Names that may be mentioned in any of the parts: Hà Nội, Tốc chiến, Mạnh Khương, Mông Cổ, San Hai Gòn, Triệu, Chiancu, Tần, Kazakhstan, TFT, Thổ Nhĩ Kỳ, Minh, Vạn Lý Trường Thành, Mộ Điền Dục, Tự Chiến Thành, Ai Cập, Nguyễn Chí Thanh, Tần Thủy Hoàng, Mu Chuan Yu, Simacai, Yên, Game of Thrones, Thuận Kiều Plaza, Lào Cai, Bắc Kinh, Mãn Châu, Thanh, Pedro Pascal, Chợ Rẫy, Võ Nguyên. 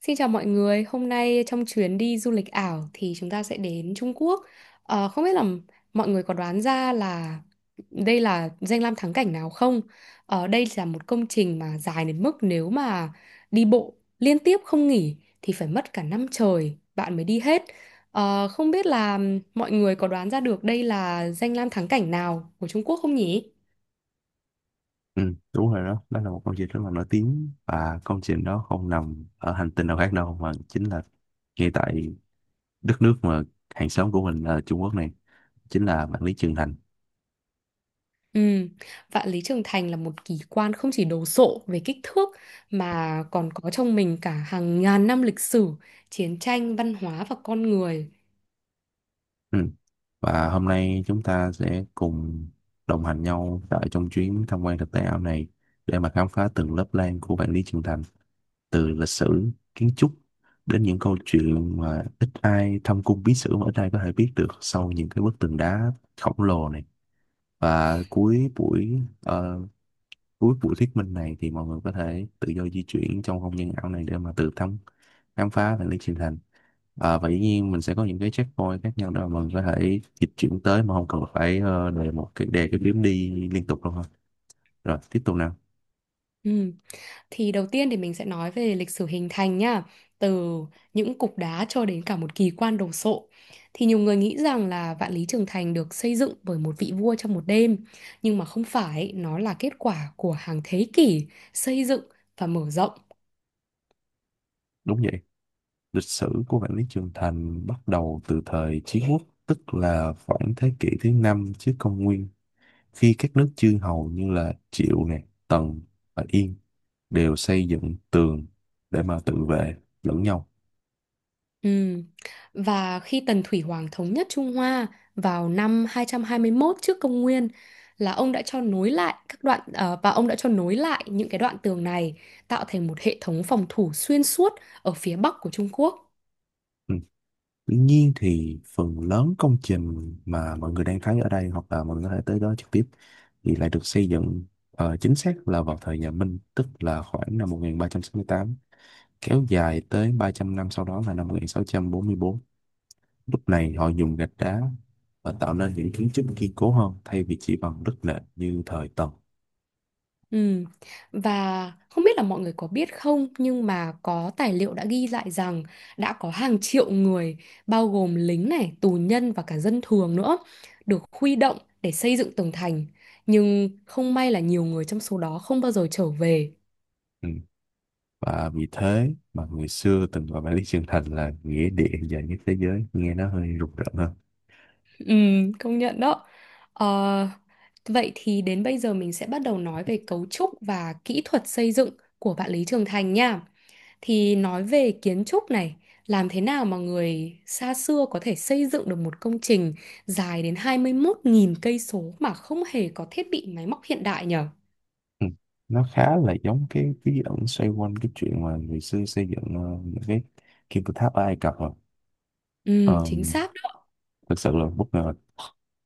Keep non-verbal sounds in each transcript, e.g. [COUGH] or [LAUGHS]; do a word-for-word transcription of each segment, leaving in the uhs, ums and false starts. Xin chào mọi người, hôm nay trong chuyến đi du lịch ảo thì chúng ta sẽ đến Trung Quốc. Ờ, không biết là mọi người có đoán ra là đây là danh lam thắng cảnh nào không? Ờ, đây là một công trình mà dài đến mức nếu mà đi bộ liên tiếp không nghỉ thì phải mất cả năm trời bạn mới đi hết. Ờ, không biết là mọi người có đoán ra được đây là danh lam thắng cảnh nào của Trung Quốc không nhỉ? Ừ, đúng rồi đó, đó là một công trình rất là nổi tiếng và công trình đó không nằm ở hành tinh nào khác đâu mà chính là ngay tại đất nước mà hàng xóm của mình là Trung Quốc này, chính là Vạn Lý Trường Thành. Ừ, vạn lý trường thành là một kỳ quan không chỉ đồ sộ về kích thước mà còn có trong mình cả hàng ngàn năm lịch sử, chiến tranh, văn hóa và con người. Ừ. Và hôm nay chúng ta sẽ cùng đồng hành nhau tại trong chuyến tham quan thực tế ảo này để mà khám phá từng lớp lang của Vạn Lý Trường Thành, từ lịch sử, kiến trúc đến những câu chuyện mà ít ai thâm cung bí sử mà ít ai có thể biết được sau những cái bức tường đá khổng lồ này. Và cuối buổi ờ, cuối buổi thuyết minh này thì mọi người có thể tự do di chuyển trong không gian ảo này để mà tự thăm khám phá và lý trình thành. Ờ, và dĩ nhiên mình sẽ có những cái checkpoint khác nhau đó mà mình có thể dịch chuyển tới mà không cần phải ờ, đề một cái đề cái điểm đi liên tục đâu ha, rồi tiếp tục nào. Ừ. Thì đầu tiên thì mình sẽ nói về lịch sử hình thành nhá, từ những cục đá cho đến cả một kỳ quan đồ sộ. Thì nhiều người nghĩ rằng là Vạn Lý Trường Thành được xây dựng bởi một vị vua trong một đêm, nhưng mà không phải, nó là kết quả của hàng thế kỷ xây dựng và mở rộng. Đúng vậy, lịch sử của Vạn Lý Trường Thành bắt đầu từ thời Chiến Quốc, tức là khoảng thế kỷ thứ năm trước công nguyên, khi các nước chư hầu như là Triệu nè, Tần và Yên đều xây dựng tường để mà tự vệ lẫn nhau. Ừ. Và khi Tần Thủy Hoàng thống nhất Trung Hoa vào năm hai trăm hai mươi mốt trước công nguyên là ông đã cho nối lại các đoạn ờ, và ông đã cho nối lại những cái đoạn tường này tạo thành một hệ thống phòng thủ xuyên suốt ở phía bắc của Trung Quốc. Ừ. Tuy nhiên thì phần lớn công trình mà mọi người đang thấy ở đây hoặc là mọi người có thể tới đó trực tiếp thì lại được xây dựng ờ, chính xác là vào thời nhà Minh, tức là khoảng năm một nghìn ba trăm sáu mươi tám, kéo dài tới ba trăm năm sau đó là năm một nghìn sáu trăm bốn mươi bốn. Lúc này họ dùng gạch đá và tạo nên những kiến trúc kiên cố hơn thay vì chỉ bằng đất nện như thời Tần. Ừ. Và không biết là mọi người có biết không nhưng mà có tài liệu đã ghi lại rằng đã có hàng triệu người bao gồm lính này, tù nhân và cả dân thường nữa được huy động để xây dựng tường thành nhưng không may là nhiều người trong số đó không bao giờ trở về. Ừ. Và vì thế mà người xưa từng gọi Bản Lý Trường Thành là nghĩa địa dài nhất thế giới, nghe nó hơi rùng rợn hơn. Ừ, công nhận đó. Ờ, Vậy thì đến bây giờ mình sẽ bắt đầu nói về cấu trúc và kỹ thuật xây dựng của bạn Lý Trường Thành nha. Thì nói về kiến trúc này, làm thế nào mà người xa xưa có thể xây dựng được một công trình dài đến hai mươi mốt nghìn cây số mà không hề có thiết bị máy móc hiện đại nhở? Ừ. Nó khá là giống cái bí ẩn xoay quanh cái chuyện mà người xưa xây dựng ờ, những cái kim tự tháp ở Ai Cập rồi. Ừ, chính Um, xác. Thực sự là bất ngờ.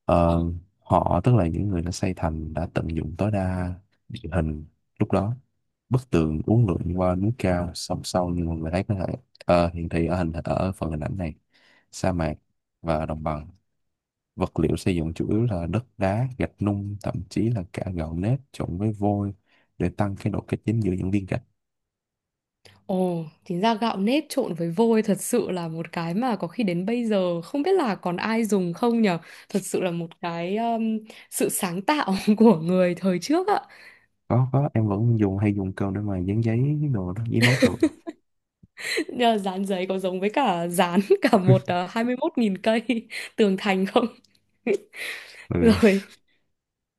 Ờ, Họ, tức là những người đã xây thành, đã tận dụng tối đa địa hình lúc đó. Bức tường uốn lượn qua núi cao, song song như mọi người thấy có thể ờ, hiện thị ở hình ở phần hình ảnh này, sa mạc và đồng bằng. Vật liệu xây dựng chủ yếu là đất đá, gạch nung, thậm chí là cả gạo nếp trộn với vôi để tăng cái độ kết dính giữa những viên gạch. Ồ, chính ra gạo nếp trộn với vôi thật sự là một cái mà có khi đến bây giờ không biết là còn ai dùng không nhở. Thật sự là một cái um, sự sáng tạo [LAUGHS] của người thời trước ạ. Có, có, em vẫn dùng hay dùng cơm để mà dán giấy đồ đó, giấy nốt đồ. Nhưng mà dán giấy có giống với cả dán [LAUGHS] cả một uh, hai mươi hai mươi mốt nghìn cây [LAUGHS] tường thành không? [LAUGHS] Rồi, Rồi,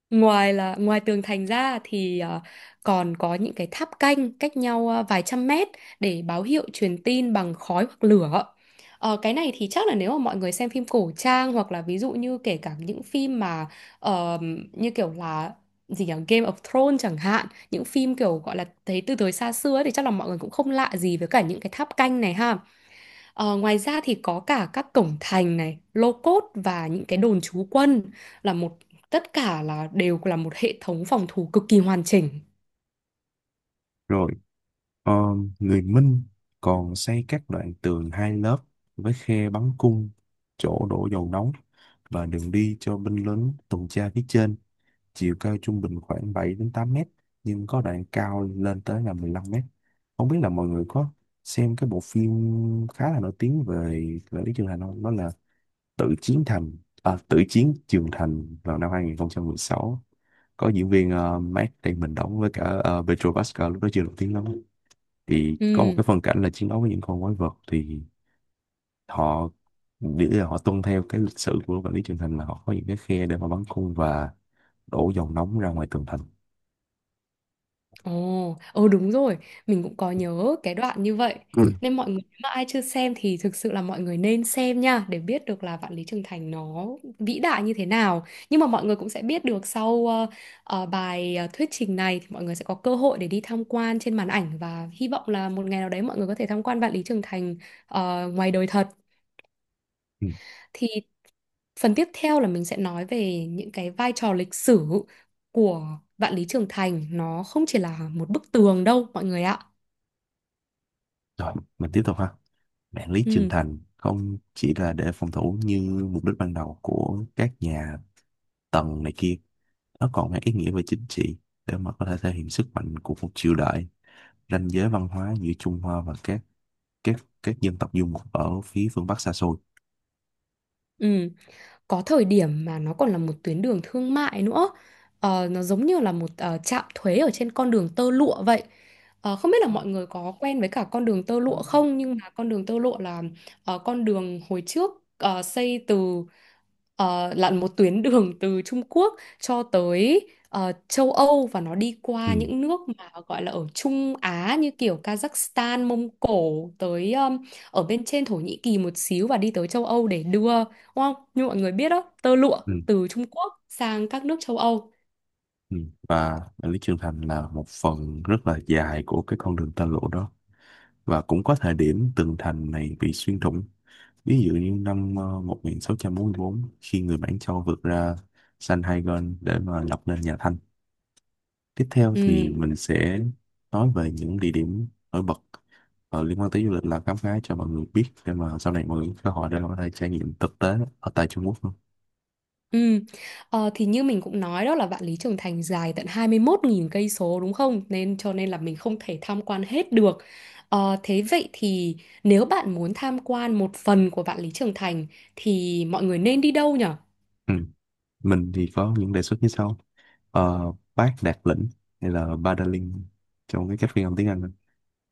ngoài là ngoài tường thành ra thì ờ, còn có những cái tháp canh cách nhau ờ, vài trăm mét để báo hiệu truyền tin bằng khói hoặc lửa. Ờ, cái này thì chắc là nếu mà mọi người xem phim cổ trang hoặc là ví dụ như kể cả những phim mà ờ, như kiểu là gì nhỉ, Game of Thrones chẳng hạn, những phim kiểu gọi là thấy từ thời xa xưa ấy, thì chắc là mọi người cũng không lạ gì với cả những cái tháp canh này ha. Ờ, ngoài ra thì có cả các cổng thành này, lô cốt và những cái đồn trú quân là một tất cả là đều là một hệ thống phòng thủ cực kỳ hoàn chỉnh. rồi, ờ, người Minh còn xây các đoạn tường hai lớp với khe bắn cung, chỗ đổ dầu nóng và đường đi cho binh lính tuần tra phía trên. Chiều cao trung bình khoảng bảy đến tám mét nhưng có đoạn cao lên tới là mười lăm mét. Không biết là mọi người có xem cái bộ phim khá là nổi tiếng về về Lý Trường Thành không, đó là Tự Chiến Thành, à, Tự Chiến Trường Thành vào năm hai không một sáu, có diễn viên uh, Matt Damon đóng với cả uh, Pedro Pascal lúc đó chưa nổi tiếng lắm, thì có một Ừ. cái phân cảnh là chiến đấu với những con quái vật thì họ, nghĩa là họ tuân theo cái lịch sử của quản lý trường thành, là họ có những cái khe để mà bắn cung và đổ dòng nóng ra ngoài tường thành. Ồ, ừ đúng rồi, mình cũng có nhớ cái đoạn như vậy. Ừ. Nên mọi người nếu mà ai chưa xem thì thực sự là mọi người nên xem nha để biết được là Vạn Lý Trường Thành nó vĩ đại như thế nào. Nhưng mà mọi người cũng sẽ biết được sau ờ, ờ, bài ờ, thuyết trình này thì mọi người sẽ có cơ hội để đi tham quan trên màn ảnh và hy vọng là một ngày nào đấy mọi người có thể tham quan Vạn Lý Trường Thành ờ, ngoài đời thật. Ừ. Thì phần tiếp theo là mình sẽ nói về những cái vai trò lịch sử của Vạn Lý Trường Thành. Nó không chỉ là một bức tường đâu mọi người ạ. Rồi, mình tiếp tục ha. Mạng lưới trưởng Ừ. thành không chỉ là để phòng thủ như mục đích ban đầu của các nhà Tần này kia, nó còn mang ý nghĩa về chính trị để mà có thể thể hiện sức mạnh của một triều đại, ranh giới văn hóa giữa Trung Hoa và các các các dân tộc du mục ở phía phương Bắc xa xôi. Ừ. Có thời điểm mà nó còn là một tuyến đường thương mại nữa. Ờ, nó giống như là một ờ, trạm thuế ở trên con đường tơ lụa vậy. Ờ, không biết là mọi người có quen với cả con đường tơ lụa không, nhưng mà con đường tơ lụa là ờ, con đường hồi trước ờ, xây từ ờ, là một tuyến [LAUGHS] đường từ Trung Quốc cho tới ờ, châu Âu và nó đi Ừ, qua những nước mà gọi là ở Trung Á như kiểu Kazakhstan, Mông Cổ tới um, ở bên trên Thổ Nhĩ Kỳ một xíu và đi tới châu Âu để đưa, đúng không? Như mọi người biết đó, tơ lụa ừ, từ Trung Quốc sang các nước châu Âu. ừ. Và mạng lưới trưởng thành là một phần rất là dài của cái con đường tơ lụa đó, và cũng có thời điểm tường thành này bị xuyên thủng. Ví dụ như năm ờ, một nghìn sáu trăm bốn mươi bốn, khi người Mãn Châu vượt ra San Hai Gòn để mà lập nên nhà Thanh. Tiếp theo Ừ. thì mình sẽ nói về những địa điểm nổi bật ờ, liên quan tới du lịch là khám phá cho mọi người biết để mà sau này mọi người có cơ hội để mà có thể trải nghiệm thực tế ở tại Trung Quốc luôn. Ừ. Ờ, thì như mình cũng nói đó là Vạn Lý Trường Thành dài tận hai mươi mốt nghìn cây số đúng không? Nên cho nên là mình không thể tham quan hết được. Ờ, thế vậy thì nếu bạn muốn tham quan một phần của Vạn Lý Trường Thành thì mọi người nên đi đâu nhở? Ừ. Mình thì có những đề xuất như sau. Ờ, Bác Đạt Lĩnh hay là Ba trong cái cách phiên âm tiếng Anh.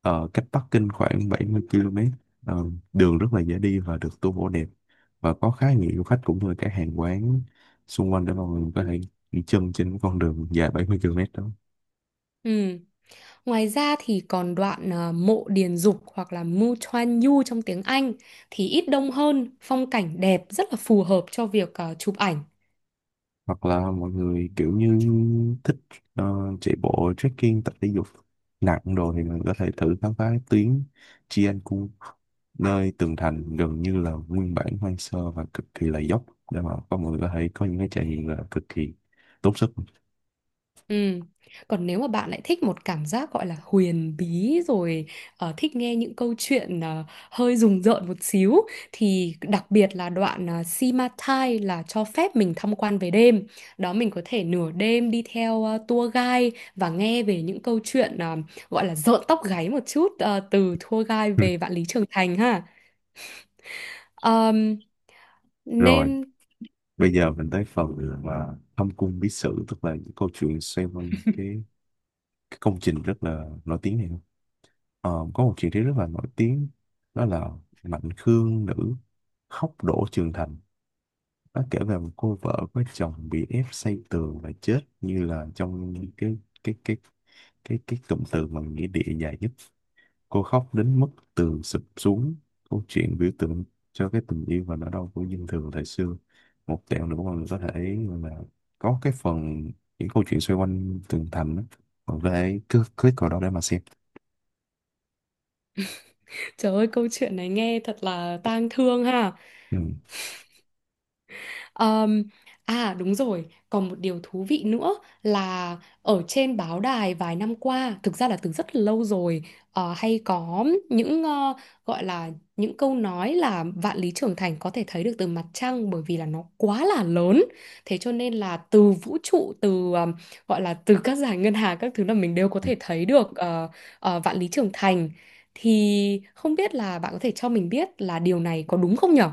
Ờ, cách Bắc Kinh khoảng bảy mươi ki lô mét. Ờ, đường rất là dễ đi và được tu bổ đẹp và có khá nhiều du khách cũng như các hàng quán xung quanh để mà mình có thể đi chân trên con đường dài bảy mươi ki lô mét đó. Ừ. Ngoài ra thì còn đoạn à, mộ Điền Dục hoặc là Mu Chuan Yu trong tiếng Anh thì ít đông hơn, phong cảnh đẹp rất là phù hợp cho việc à, chụp ảnh. Hoặc là mọi người kiểu như thích ờ, chạy bộ, trekking, tập thể dục nặng đồ thì mình có thể thử khám phá tuyến Chiancu, nơi tường thành gần như là nguyên bản hoang sơ và cực kỳ là dốc, để mà có mọi người có thể có những cái trải nghiệm là cực kỳ tốn sức. Ừ. Còn nếu mà bạn lại thích một cảm giác gọi là huyền bí rồi ờ, thích nghe những câu chuyện ờ, hơi rùng rợn một xíu thì đặc biệt là đoạn uh, Simacai là cho phép mình tham quan về đêm. Đó, mình có thể nửa đêm đi theo ờ, tour guide và nghe về những câu chuyện ờ, gọi là rợn tóc gáy một chút ờ, từ tour guide về Vạn [LAUGHS] Lý Trường Thành ha. Ờm, Rồi, nên bây giờ mình tới phần mà thâm cung bí sử, tức là những câu chuyện xoay quanh cái, cái công trình rất là nổi tiếng này. Ờ, có một chị đấy rất là nổi tiếng, đó là Mạnh Khương nữ khóc đổ trường thành. Nó kể về một cô vợ có chồng bị ép xây tường và chết như là trong cái cái cái cái cái cụm từ mà nghĩa địa dài nhất. Cô khóc đến mức tường sụp xuống. Câu chuyện biểu tượng cho cái tình yêu và nỗi đau của dân thường thời xưa. Một tẹo nữa mà mình có thể là có cái phần những câu chuyện xoay quanh tường thành đó. Mình có thể cứ click vào đó để mà xem. [LAUGHS] trời ơi câu chuyện này nghe thật là tang thương ha. Ừ. Ờm, À đúng rồi, còn một điều thú vị nữa là ở trên báo đài vài năm qua, thực ra là từ rất lâu rồi, ờ, hay có những ờ, gọi là những câu nói là vạn lý trường thành có thể thấy được từ mặt trăng bởi vì là nó quá là lớn. Thế cho nên là từ vũ trụ, từ ờm, gọi là từ các dải ngân hà các thứ là mình đều có thể thấy được ờ, ờ, vạn lý trường thành. Thì không biết là bạn có thể cho mình biết là điều này có đúng không nhở?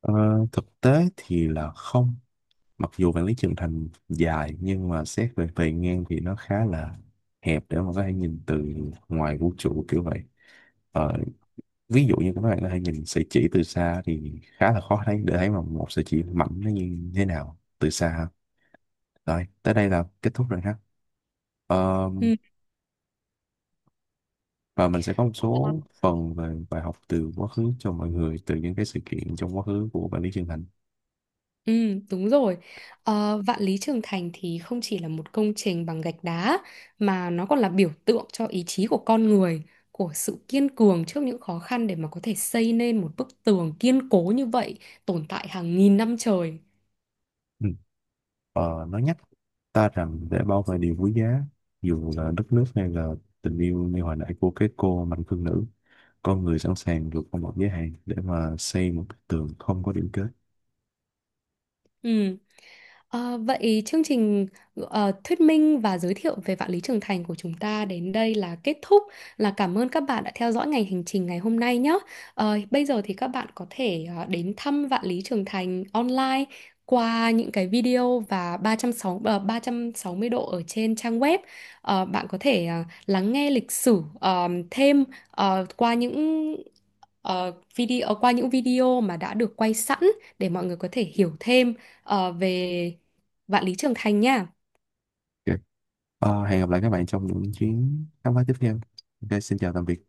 Ờ, thực tế thì là không, mặc dù vạn lý trường thành dài nhưng mà xét về bề ngang thì nó khá là hẹp để mà có thể nhìn từ ngoài vũ trụ kiểu vậy. Ờ, ví dụ như các bạn có thể nhìn sợi chỉ từ xa thì khá là khó thấy, để thấy mà một sợi chỉ mảnh nó như thế nào từ xa. Rồi tới đây là kết thúc rồi ha. Ờ, và mình sẽ có một số phần về bài học từ quá khứ cho mọi người từ những cái sự kiện trong quá khứ của bạn Lý Trường Thành. Ừ, đúng rồi. Ờ, Vạn Lý Trường Thành thì không chỉ là một công trình bằng gạch đá mà nó còn là biểu tượng cho ý chí của con người, của sự kiên cường trước những khó khăn để mà có thể xây nên một bức tường kiên cố như vậy, tồn tại hàng nghìn năm trời. Ừ. Ờ, nó nhắc ta rằng để bảo vệ điều quý giá, dù là đất nước hay là tình yêu như hồi nãy của cái cô mạnh thương nữ, con người sẵn sàng vượt qua một giới hạn để mà xây một bức tường không có điểm kết. Ừ. Ờ, vậy chương trình ờ, thuyết minh và giới thiệu về Vạn Lý Trường Thành của chúng ta đến đây là kết thúc. Là cảm ơn các bạn đã theo dõi ngành hành trình ngày hôm nay nhé. Ờ, bây giờ thì các bạn có thể ờ, đến thăm Vạn Lý Trường Thành online qua những cái video và ba ba trăm sáu mươi, ba trăm sáu mươi độ ở trên trang web. Ờ, bạn có thể ờ, lắng nghe lịch sử ờ, thêm ờ, qua những ờ, video qua những video mà đã được quay sẵn để mọi người có thể hiểu thêm ờ, về Vạn Lý Trường Thành nha. Ok. Ờ, hẹn gặp lại các bạn trong những chuyến khám phá tiếp theo. Ok, xin chào tạm biệt.